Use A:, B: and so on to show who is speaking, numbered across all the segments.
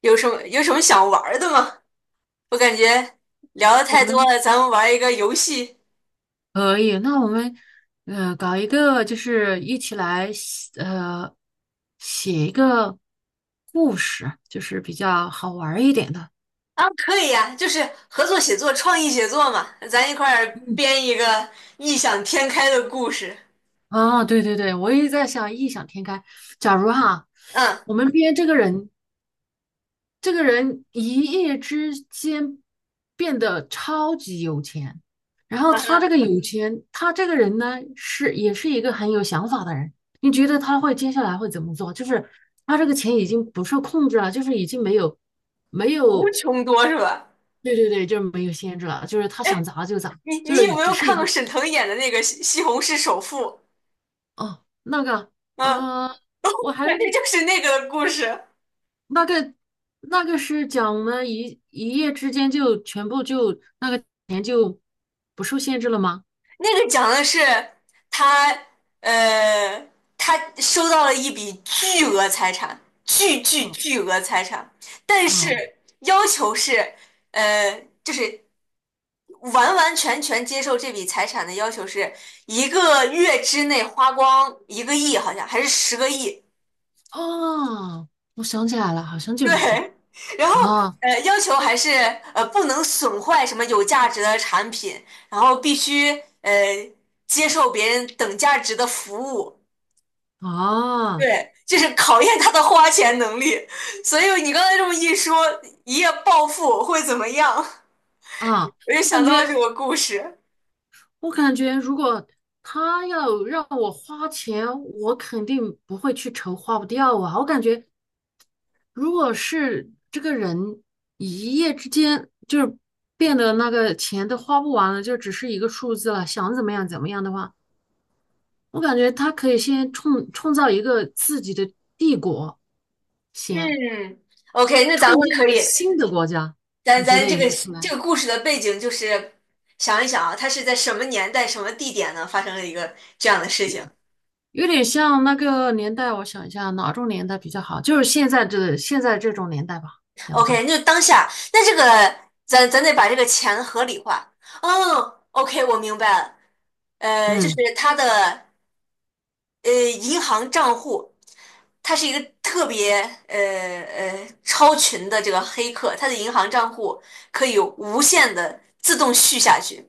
A: 有什么想玩儿的吗？我感觉聊的
B: 我
A: 太多
B: 们
A: 了，咱们玩一个游戏。
B: 可以，那我们搞一个，就是一起来写一个故事，就是比较好玩儿一点的。
A: 啊，可以呀，就是合作写作、创意写作嘛，咱一块儿编一个异想天开的故事。
B: 啊，对对对，我也在想异想天开。假如哈，
A: 嗯
B: 我们编这个人，这个人一夜之间变得超级有钱，然后
A: 嗯
B: 他这
A: 哼，
B: 个有钱，他这个人呢是也是一个很有想法的人。你觉得他会接下来会怎么做？就是他这个钱已经不受控制了，就是已经没有没
A: 无
B: 有，
A: 穷多是吧？
B: 对对对，就是没有限制了，就是他想
A: 哎，
B: 砸就砸，
A: 你
B: 就
A: 你有
B: 是
A: 没
B: 只
A: 有
B: 是一
A: 看
B: 个。
A: 过沈腾演的那个《西红柿首富》？
B: 哦，
A: 嗯，
B: 呃，我 还
A: 觉就是那个故事。
B: 那个那个是讲我们一夜之间就全部就那个钱就不受限制了吗？
A: 那个讲的是他，呃，他收到了一笔巨额财产，
B: 哦，
A: 巨额财产，但
B: 哦
A: 是要求是，呃，就是完完全全接受这笔财产的要求是一个月之内花光一个亿，好像还是十个亿。
B: 哦，我想起来了，好像就
A: 对，
B: 是这个。
A: 然后
B: 啊
A: 要求还是不能损坏什么有价值的产品，然后必须呃接受别人等价值的服务。
B: 啊
A: 对，就是考验他的花钱能力。所以你刚才这么一说，一夜暴富会怎么样？
B: 啊！
A: 我就
B: 我
A: 想
B: 感
A: 到了
B: 觉
A: 这个故事。
B: 我感觉，如果他要让我花钱，我肯定不会去愁花不掉啊。我感觉如果是这个人一夜之间就是变得那个钱都花不完了，就只是一个数字了，想怎么样怎么样的话，我感觉他可以先创造一个自己的帝国，先
A: 嗯，OK，那咱
B: 创
A: 们
B: 建一
A: 可
B: 个
A: 以。
B: 新的国家，
A: 咱
B: 你觉
A: 咱
B: 得
A: 这
B: 有
A: 个
B: 没有可
A: 这
B: 能？
A: 个故事的背景就是想一想啊，他是在什么年代、什么地点呢发生了一个这样的事
B: 有
A: 情
B: 有点像那个年代，我想一下哪种年代比较好，就是现在这种年代吧，要不就。
A: ？OK，那就当下，那这个咱得把这个钱合理化。哦，OK，我明白了。呃，就是
B: 嗯。
A: 他的银行账户，他是一个特别呃超群的这个黑客，他的银行账户可以无限的自动续下去，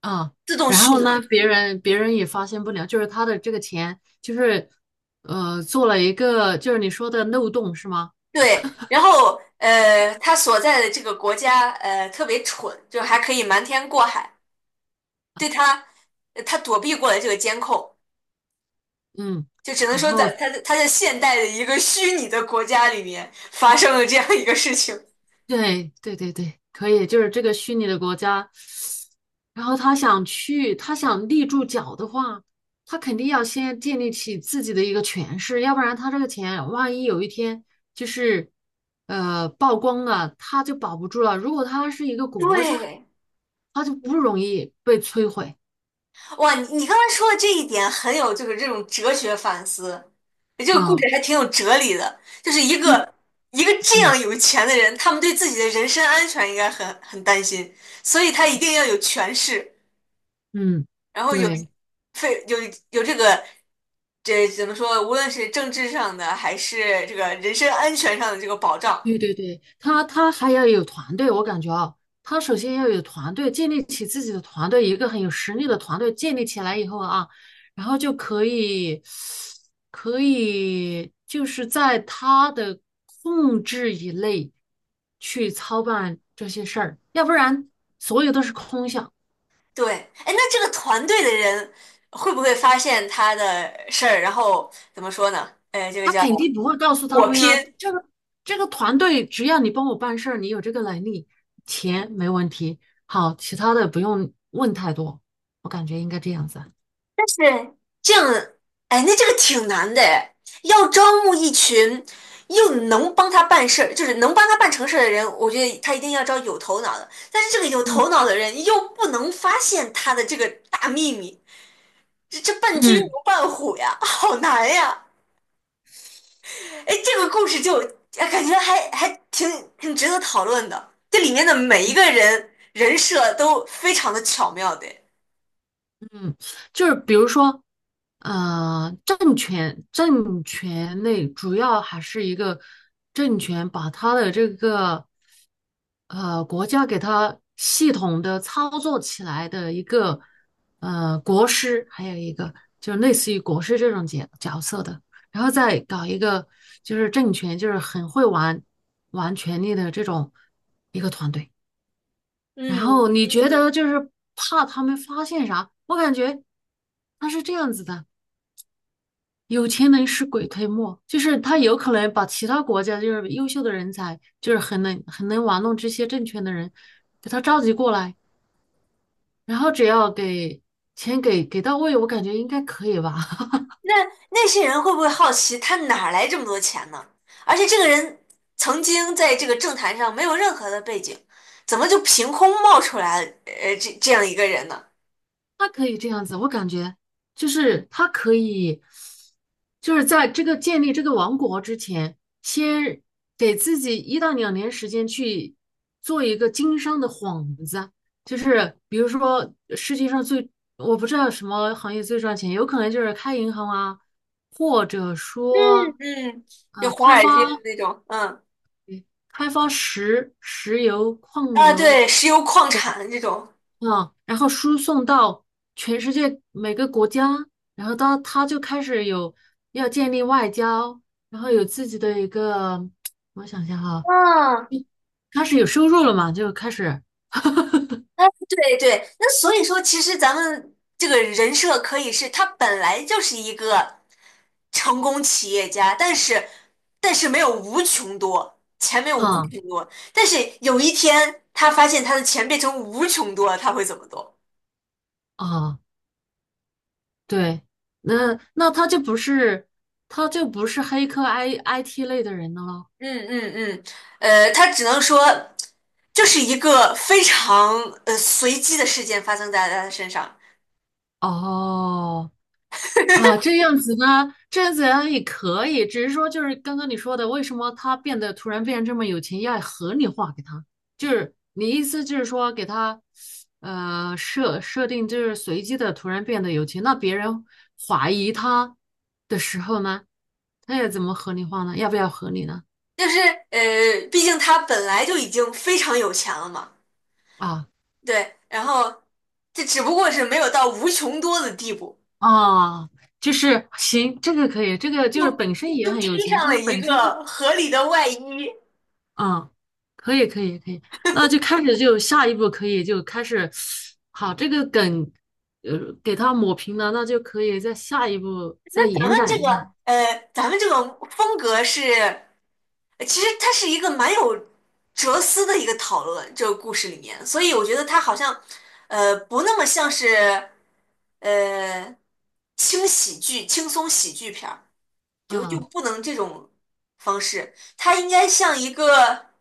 B: 啊，
A: 自动
B: 然后
A: 续满。
B: 呢，别人也发现不了，就是他的这个钱，就是做了一个就是你说的漏洞是吗？
A: 对，然后他所在的这个国家呃特别蠢，就还可以瞒天过海，对他，他躲避过了这个监控，
B: 嗯，
A: 就只能
B: 然
A: 说
B: 后
A: 在他在现代的一个虚拟的国家里面发生了这样一个事情。
B: 对对对对，可以，就是这个虚拟的国家，然后他想去，他想立住脚的话，他肯定要先建立起自己的一个权势，要不然他这个钱万一有一天就是曝光了，他就保不住了。如果他是一个国家，
A: 对，
B: 他就不容易被摧毁。
A: 哇，你刚才说的这一点很有就是这种哲学反思，这个故
B: 啊。
A: 事还挺有哲理的。就是
B: 就
A: 一个这
B: 嗯
A: 样有钱的人，他们对自己的人身安全应该很担心，所以他一定要有权势，
B: 嗯，
A: 然后有
B: 对
A: 非有有这个这怎么说？无论是政治上的还是这个人身安全上的这个保障，
B: 对对对，他还要有团队，我感觉啊，他首先要有团队，建立起自己的团队，一个很有实力的团队建立起来以后啊，然后就可以就是在他的控制以内去操办这些事儿，要不然所有都是空想。
A: 对。哎，那这个团队的人会不会发现他的事儿，然后怎么说呢？呃，这个
B: 他
A: 叫
B: 肯定不会告诉他
A: 火
B: 们呀。
A: 拼。
B: 这个团队，只要你帮我办事儿，你有这个能力，钱没问题。好，其他的不用问太多，我感觉应该这样子啊。
A: 是这样，哎，那这个挺难的哎，要招募一群又能帮他办事儿，就是能帮他办成事儿的人，我觉得他一定要招有头脑的。但是这个有
B: 嗯
A: 头脑的人又不能发现他的这个大秘密，这伴君如
B: 嗯。
A: 伴虎呀，好难呀！哎，这个故事就哎感觉还挺值得讨论的，这里面的每一个人人设都非常的巧妙的。
B: 嗯，就是比如说，政权类主要还是一个政权把他的这个国家给他系统的操作起来的一个国师，还有一个就是类似于国师这种角色的，然后再搞一个就是政权，就是很会玩权力的这种一个团队。然后
A: 嗯，
B: 你觉得就是怕他们发现啥？我感觉他是这样子的，有钱能使鬼推磨，就是他有可能把其他国家就是优秀的人才，就是很能玩弄这些政权的人，给他召集过来，然后只要给钱给到位，我感觉应该可以吧。
A: 那那些人会不会好奇他哪儿来这么多钱呢？而且这个人曾经在这个政坛上没有任何的背景，怎么就凭空冒出来呃这样一个人呢？
B: 他可以这样子，我感觉就是他可以，就是在这个建立这个王国之前，先给自己一到两年时间去做一个经商的幌子，就是比如说世界上最，我不知道什么行业最赚钱，有可能就是开银行啊，或者说
A: 嗯，就
B: 呃
A: 华
B: 开
A: 尔街
B: 发
A: 的那种。嗯
B: 开发石油矿
A: 啊，
B: 油。
A: 对，石油矿产的这种。
B: 嗯，然后输送到全世界每个国家，然后到他就开始有要建立外交，然后有自己的一个，我想想哈，
A: 嗯，
B: 开始有收入了嘛，就开始。
A: 哎，对对，那所以说，其实咱们这个人设可以是他本来就是一个成功企业家，但是没有无穷多，钱没有无穷
B: 嗯，
A: 多，但是有一天他发现他的钱变成无穷多了，他会怎么做？
B: 嗯啊，对，那他就不是黑客 IT 类的人了咯。
A: 嗯嗯嗯，呃，他只能说就是一个非常呃随机的事件发生在他的身上，
B: 哦，啊，这样子呢，这样子呢也可以，只是说就是刚刚你说的，为什么他变得突然变得这么有钱，要合理化给他，就是你意思就是说给他，设定就是随机的突然变得有钱，那别人怀疑他的时候呢，他要怎么合理化呢？要不要合理呢？
A: 就是呃，毕竟他本来就已经非常有钱了嘛。
B: 啊
A: 对，然后这只不过是没有到无穷多的地步，
B: 啊，就是行，这个可以，这个就是
A: 就
B: 本身也
A: 就
B: 很有
A: 披
B: 钱，
A: 上
B: 就
A: 了
B: 是
A: 一
B: 本身就。
A: 个合理的外衣。
B: 嗯，可以，可以，可以，那就开始就下一步可以就开始。好，这个梗，给它抹平了，那就可以在下一步再
A: 咱
B: 延
A: 们
B: 展
A: 这
B: 一
A: 个
B: 下。
A: 呃，咱们这个风格是，呃其实它是一个蛮有哲思的一个讨论，这个故事里面，所以我觉得它好像不那么像是呃轻喜剧、轻松喜剧片儿。就
B: 嗯
A: 不能这种方式，它应该像一个，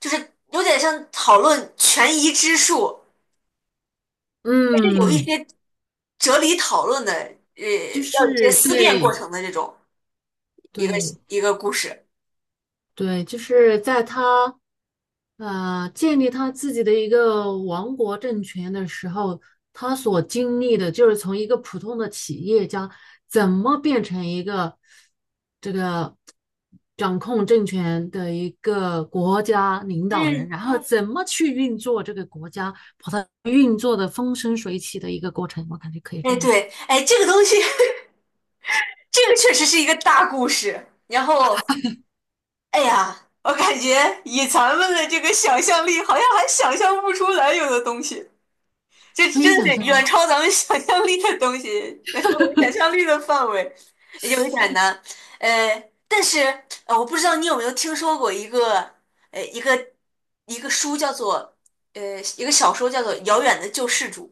A: 就是有点像讨论权宜之术，是有一
B: 嗯，
A: 些哲理讨论的，
B: 就
A: 要有一些
B: 是
A: 思辨过
B: 对
A: 程的这种一个
B: 对，
A: 一个故事。
B: 对，就是在他建立他自己的一个王国政权的时候，他所经历的就是从一个普通的企业家怎么变成一个这个掌控政权的一个国家领导人，
A: 嗯，
B: 然后怎么去运作这个国家，把它运作的风生水起的一个过程，我感觉可以这
A: 哎
B: 样子，
A: 对，哎这个东西，这个确实是一个大故事。然后，哎呀，我感觉以咱们的这个想象力，好像还想象不出来有的东西。这
B: 可
A: 真
B: 以
A: 的
B: 想
A: 是
B: 象
A: 远
B: 吗？
A: 超咱们想象力的东西，远超我们想象力的范围，有一点难。但是我不知道你有没有听说过呃一个一个书叫做一个小说叫做《遥远的救世主》。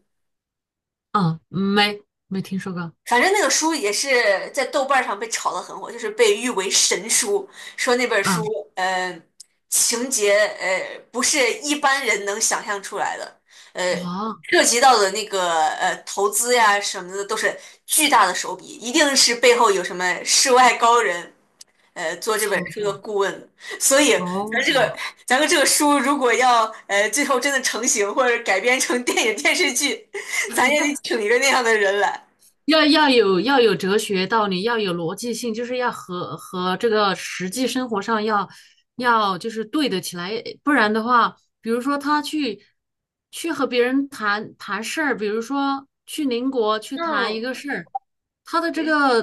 B: 啊，没听说过。
A: 反正那个书也是在豆瓣上被炒得很火，就是被誉为神书，说那本书，
B: 啊，
A: 呃，情节不是一般人能想象出来的，呃，
B: 哇，
A: 涉及到的那个投资呀什么的都是巨大的手笔，一定是背后有什么世外高人，做这本
B: 操
A: 书的
B: 作
A: 顾问的。所以咱这个
B: 哦。
A: 咱们这个书如果要最后真的成型或者改编成电影电视剧，咱也得请一个那样的人来。
B: 要有要有哲学道理，要有逻辑性，就是要和这个实际生活上要就是对得起来，不然的话，比如说他去和别人谈谈事儿，比如说去邻国去谈一
A: 嗯。
B: 个事儿，他的这个。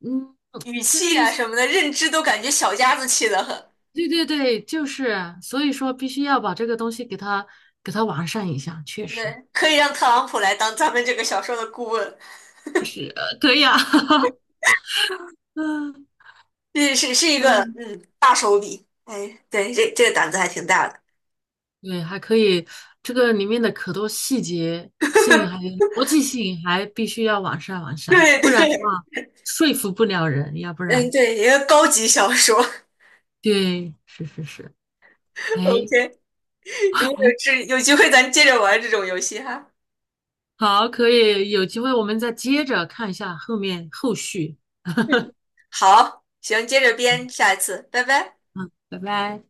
B: 嗯，
A: 语
B: 就是
A: 气啊什么的，认知都感觉小家子气得很。
B: 对对对，就是所以说必须要把这个东西给他完善一下，确实
A: 对，可以让特朗普来当咱们这个小说的顾问，
B: 可以啊。嗯
A: 是一个
B: 嗯。
A: 嗯大手笔。哎，对，这这个胆子还挺大的。
B: 对，还可以，这个里面的可多细节性还有逻辑性还必须要完善完善，
A: 对
B: 不然的
A: 对，
B: 话说服不了人，要不
A: 嗯
B: 然，
A: 对，一个高级小说。
B: 对，是是是，哎，
A: OK，如果有机会，咱接着玩这种游戏哈。
B: 好，可以，有机会我们再接着看一下后面后续，
A: 嗯，好，行，接着编，下一次，拜拜。
B: 拜拜。